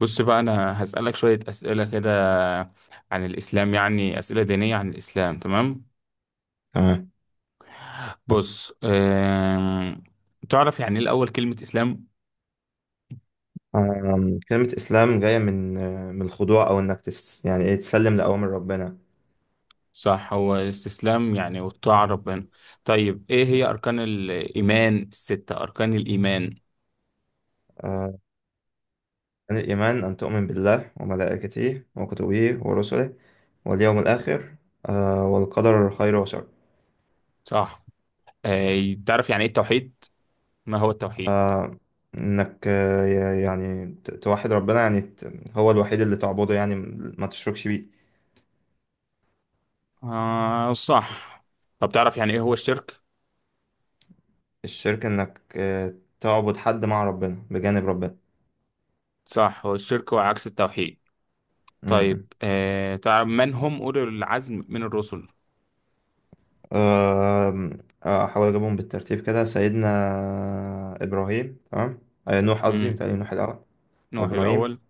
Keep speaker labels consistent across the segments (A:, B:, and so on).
A: بص بقى أنا هسألك شوية أسئلة كده عن الإسلام، يعني أسئلة دينية عن الإسلام، تمام؟
B: تمام.
A: بص، تعرف يعني إيه الأول كلمة إسلام؟
B: كلمة إسلام جاية من الخضوع أو إنك يعني إيه تسلم لأوامر ربنا.
A: صح، هو الاستسلام يعني والطاعة ربنا. طيب، إيه هي أركان الإيمان الستة، أركان الإيمان؟
B: آه، عن الإيمان أن تؤمن بالله وملائكته وكتبه ورسله واليوم الآخر والقدر خير وشر.
A: صح. تعرف يعني إيه التوحيد؟ ما هو التوحيد؟
B: آه، إنك يعني توحد ربنا، يعني هو الوحيد اللي تعبده، يعني ما تشركش بيه.
A: آه صح. طب تعرف يعني إيه هو الشرك؟
B: الشرك إنك تعبد حد مع ربنا بجانب
A: صح، هو الشرك هو عكس التوحيد.
B: ربنا.
A: طيب، تعرف من هم أولي العزم من الرسل؟
B: آم، آه، احاول اجيبهم بالترتيب كده، سيدنا ابراهيم، تمام، نوح، قصدي
A: امم،
B: متهيألي نوح الاول
A: نوح
B: وابراهيم،
A: الأول.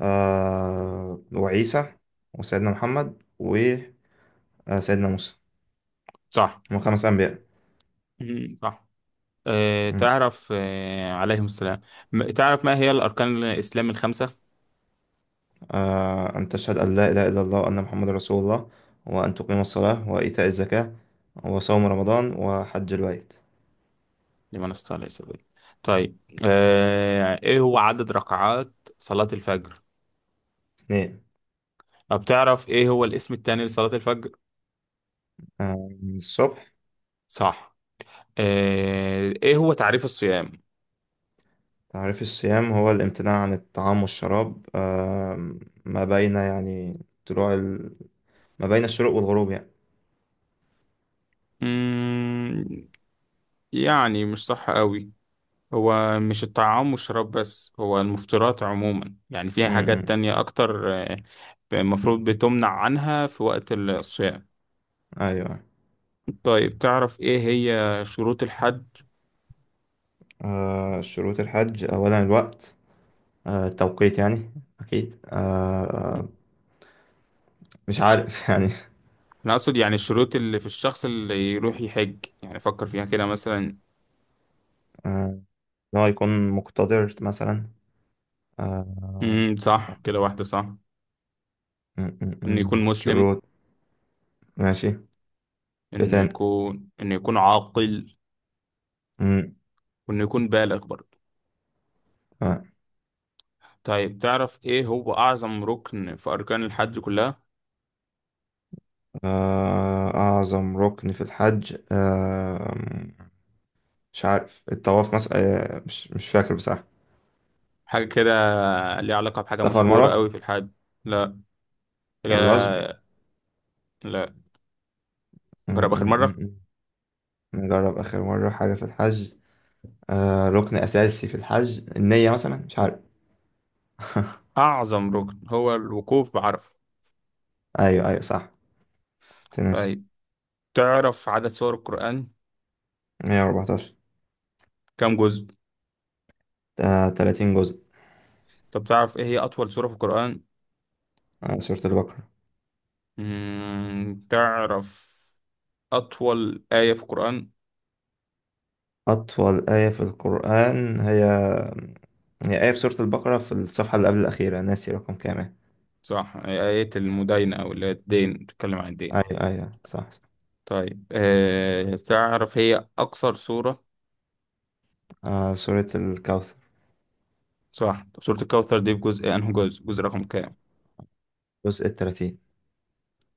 B: وعيسى وسيدنا محمد وسيدنا موسى.
A: صح.
B: هم خمس انبياء.
A: صح.
B: مم.
A: تعرف عليهم السلام. تعرف ما هي الأركان الإسلام الخمسة؟
B: ان تشهد ان لا اله الا الله وان محمد رسول الله، وان تقيم الصلاه وايتاء الزكاه، وصوم رمضان وحج البيت.
A: لمن استطاع إليه سبيلا. طيب، إيه هو عدد ركعات صلاة الفجر؟
B: اثنين.
A: طب تعرف إيه هو الاسم التاني لصلاة الفجر؟
B: آه، الصبح.
A: صح. إيه هو تعريف الصيام؟
B: تعريف الصيام هو الامتناع عن الطعام والشراب، ما بين يعني طلوع ال... ما بين الشروق والغروب يعني.
A: مم، يعني مش صح قوي. هو مش الطعام والشراب بس، هو المفطرات عموما يعني، فيها حاجات
B: امم.
A: تانية أكتر، المفروض بتمنع عنها في وقت الصيام.
B: ايوه.
A: طيب تعرف إيه هي شروط الحج؟
B: شروط الحج اولا الوقت، التوقيت يعني. اكيد مش عارف يعني.
A: أنا أقصد يعني الشروط اللي في الشخص اللي يروح يحج، يعني فكر فيها كده مثلا.
B: آه، ان هو يكون مقتدر مثلا. آه،
A: صح، كده واحدة صح.
B: م- م-
A: إنه يكون
B: م.
A: مسلم.
B: شروط. ماشي. ايه
A: إنه
B: تاني.
A: يكون إنه يكون عاقل.
B: م.
A: وإنه يكون بالغ برضه.
B: آه،
A: طيب تعرف إيه هو أعظم ركن في أركان الحج كلها؟
B: اعظم ركن في الحج، مش عارف، الطواف مثلا؟ مش فاكر بصراحة.
A: حاجة كده، ليها علاقة بحاجة
B: الصفا
A: مشهورة
B: والمروة.
A: قوي في الحج. لا.
B: الرجم.
A: لا. لا.
B: م-
A: جرب آخر
B: م-
A: مرة.
B: م- م. نجرب آخر مرة، حاجة في الحج، ركن أساسي في الحج، النية مثلا، مش عارف
A: أعظم ركن هو الوقوف بعرفة.
B: أيوه، أيوه، صح. تنسي.
A: طيب، تعرف عدد سور القرآن؟
B: 114.
A: كم جزء؟
B: 30 جزء.
A: طب تعرف إيه هي أطول سورة في القرآن؟
B: سورة البقرة.
A: تعرف أطول آية في القرآن؟
B: أطول آية في القرآن هي آية في سورة البقرة، في الصفحة اللي قبل الأخيرة، ناسي رقم كام يعني.
A: صح، آية المداينة أو اللي هي الدين، بتتكلم عن الدين.
B: أيوه، أيوه، صح، صح.
A: طيب تعرف هي أقصر سورة؟
B: سورة الكوثر.
A: صح. طب سورة الكوثر دي في جزء أنه جزء جزء رقم كام؟
B: جزء التلاتين.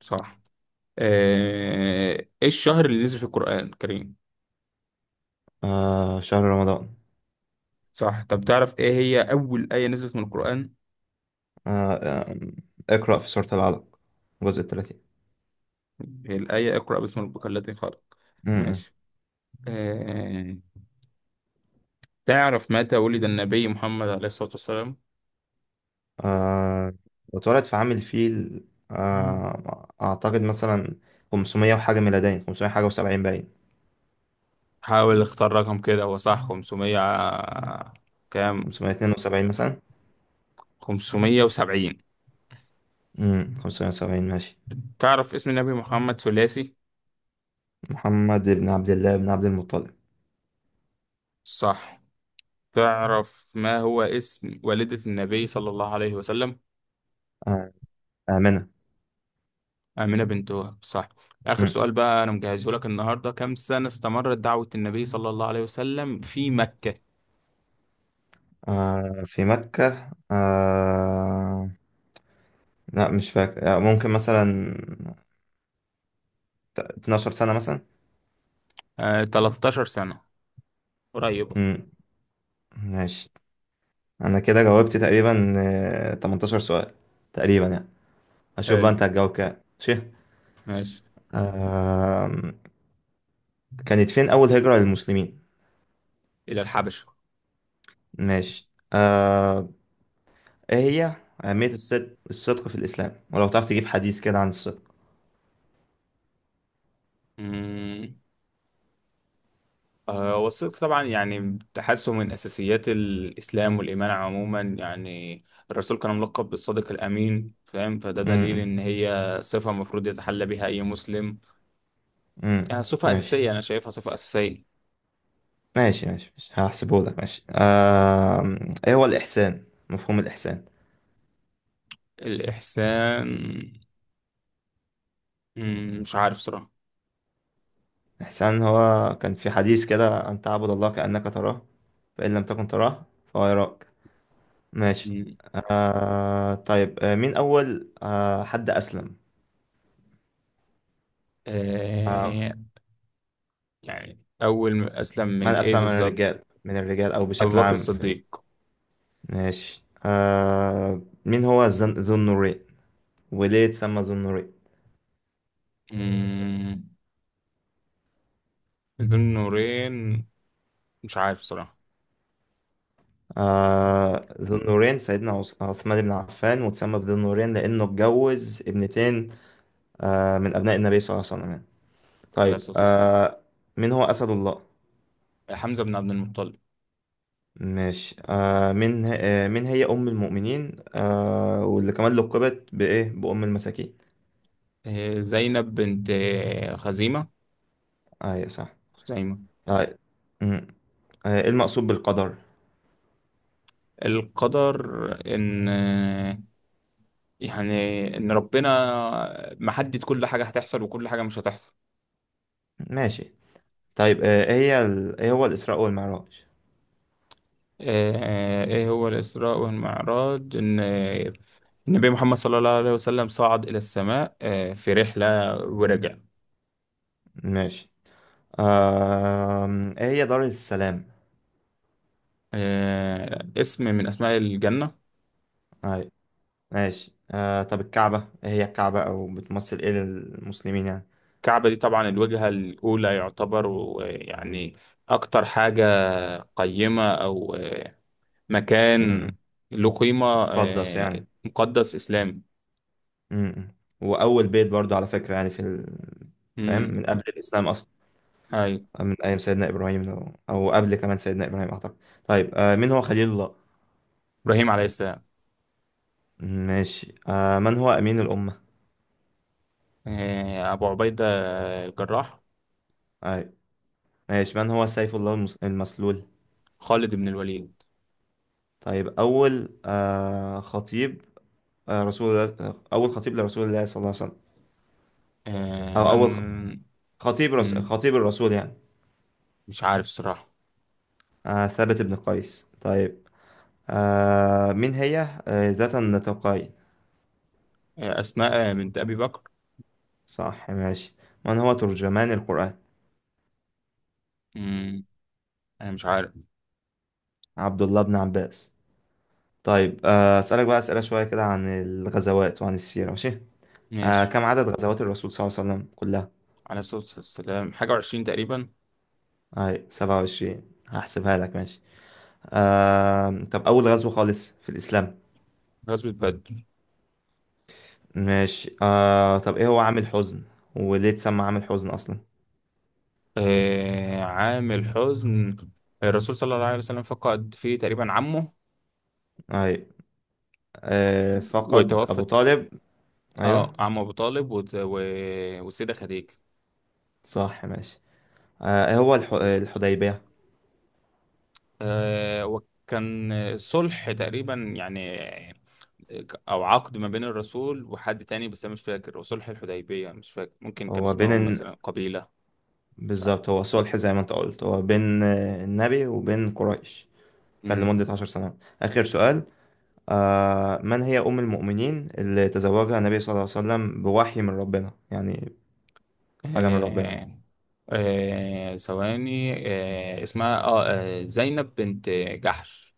A: صح. ايه الشهر اللي نزل في القرآن الكريم؟
B: شهر رمضان.
A: صح. طب تعرف ايه هي اول آية نزلت من القرآن؟
B: آه، آه، اقرأ في سورة العلق، الجزء الثلاثين.
A: هي الآية اقرأ باسم ربك الذي خلق.
B: امم.
A: ماشي. آه، تعرف متى ولد النبي محمد عليه الصلاة والسلام؟
B: آه، واتولد في عام الفيل. أعتقد مثلا 500 وحاجة ميلادين، 500 حاجة وسبعين، باين.
A: حاول اختار رقم كده، هو صح 500 كام؟
B: 572 مثلا.
A: 570.
B: امم. 570. ماشي.
A: تعرف اسم النبي محمد ثلاثي؟
B: محمد بن عبد الله بن عبد المطلب.
A: صح. تعرف ما هو اسم والدة النبي صلى الله عليه وسلم؟
B: آه، آمنة.
A: آمنة بنت وهب، صح. آخر
B: مم.
A: سؤال بقى أنا مجهزه لك النهاردة، كم سنة استمرت دعوة النبي صلى الله عليه وسلم في مكة؟
B: في مكة، لا مش فاكر، ممكن مثلا 12 سنة مثلا.
A: 13 سنة. قريبة.
B: امم. ماشي. انا كده جاوبت تقريبا 18 سؤال تقريبا يعني. هشوف بقى
A: حلو.
B: انت هتجاوب كام. ماشي.
A: ماشي.
B: آم، كانت فين اول هجرة للمسلمين؟
A: إلى الحبشة.
B: ماشي. ايه هي اهمية الصدق في الاسلام؟ ولو تعرف تجيب حديث كده عن الصدق.
A: مم. والصدق طبعا يعني تحسه من أساسيات الإسلام والإيمان عموما يعني. الرسول كان ملقب بالصادق الأمين، فاهم؟ فده
B: م-
A: دليل
B: م-
A: إن هي صفة المفروض يتحلى بها أي مسلم.
B: م.
A: صفة
B: ماشي،
A: أساسية، أنا شايفها صفة أساسية.
B: ماشي، ماشي، ماشي. هحسبه لك. ماشي. ايه هو الاحسان، مفهوم الاحسان؟
A: الإحسان. مش عارف صراحة.
B: الاحسان هو كان في حديث كده، ان تعبد الله كأنك تراه، فإن لم تكن تراه فهو يراك. ماشي.
A: مم.
B: طيب، مين أول حد أسلم؟ آه
A: آه يعني أول ما أسلم
B: من
A: من إيه
B: أسلم من
A: بالظبط؟
B: الرجال، من الرجال أو
A: أبو
B: بشكل
A: بكر
B: عام في...
A: الصديق.
B: ماشي. مين هو ذو النورين؟ وليه اتسمى ذو النورين؟
A: مم. ذو النورين، مش عارف صراحة.
B: ذو النورين سيدنا عثمان بن عفان، واتسمى بذو النورين لأنه اتجوز ابنتين من أبناء النبي صلى الله عليه وسلم يعني.
A: عليه
B: طيب،
A: الصلاة والسلام.
B: مين هو أسد الله؟
A: حمزة بن عبد المطلب.
B: ماشي. من هي أم المؤمنين، واللي كمان لقبت بإيه، بأم المساكين؟
A: زينب بنت خزيمة.
B: أيوة، صح.
A: خزيمة.
B: آه مم. إيه المقصود بالقدر؟
A: القدر. إن آه، يعني إن ربنا محدد كل حاجة هتحصل وكل حاجة مش هتحصل.
B: ماشي. طيب، إيه هو الإسراء والمعراج؟
A: إيه هو الإسراء والمعراج؟ إن النبي محمد صلى الله عليه وسلم صعد إلى السماء، في رحلة ورجع.
B: ماشي. آه إيه هي دار السلام؟
A: اسم من أسماء الجنة.
B: أيوة. ماشي. طب الكعبة، إيه هي الكعبة، أو بتمثل إيه للمسلمين يعني؟
A: الكعبة دي طبعا الوجهة الأولى يعتبر، يعني أكتر حاجة قيمة، أو مكان
B: مم.
A: له قيمة،
B: مقدس
A: آه،
B: يعني.
A: مقدس إسلامي.
B: مم. وأول بيت برضو، على فكرة يعني، فاهم،
A: مم.
B: من قبل الإسلام أصلا.
A: أيوة.
B: من أيام سيدنا إبراهيم، لو أو قبل كمان سيدنا إبراهيم أعتقد. طيب، مين هو خليل الله؟
A: إبراهيم عليه السلام.
B: ماشي. من هو أمين الأمة؟
A: أبو عبيدة الجراح.
B: أيوة. ماشي. من هو سيف الله المسلول؟
A: خالد بن الوليد.
B: طيب، أول خطيب، رسول الله، أول خطيب لرسول الله صلى الله عليه وسلم،
A: آه،
B: أو
A: من
B: أول
A: مم.
B: خطيب الرسول يعني.
A: مش عارف صراحة.
B: ثابت بن قيس. طيب، مين هي ذات النطاقين؟
A: أسماء بنت أبي بكر.
B: صح. ماشي. من هو ترجمان القرآن؟
A: انا مش عارف.
B: عبد الله بن عباس. طيب، أسألك بقى أسئلة شوية كده عن الغزوات وعن السيرة، ماشي.
A: ماشي.
B: كم عدد غزوات الرسول صلى الله عليه وسلم كلها؟
A: على صوت السلام حاجة وعشرين تقريبا.
B: هاي 27. هحسبها لك. ماشي. طب أول غزوة خالص في الإسلام؟
A: غزوة بدر.
B: ماشي. طب إيه هو عام الحزن؟ وليه اتسمى عام الحزن أصلا؟
A: عام الحزن. الرسول صلى الله عليه وسلم فقد فيه تقريبا عمه،
B: هاي. فقد أبو
A: وتوفت
B: طالب.
A: اه
B: أيوه،
A: عم ابو طالب والسيدة خديجة.
B: صح. ماشي. إيه هو الحديبية؟
A: وكان صلح تقريبا يعني، آه، او عقد ما بين الرسول وحد تاني، بس انا مش فاكر. وصلح الحديبية مش فاكر، ممكن كان
B: هو بين
A: اسمهم مثلا قبيلة، مش
B: بالظبط، هو صلح زي ما أنت قلت، هو بين النبي وبين قريش. كان
A: عارف.
B: لمدة 10 سنوات. آخر سؤال. من هي أم المؤمنين اللي تزوجها النبي صلى الله عليه وسلم بوحي من ربنا، يعني حاجة من ربنا.
A: آه ثواني. اسمها زينب بنت جحش.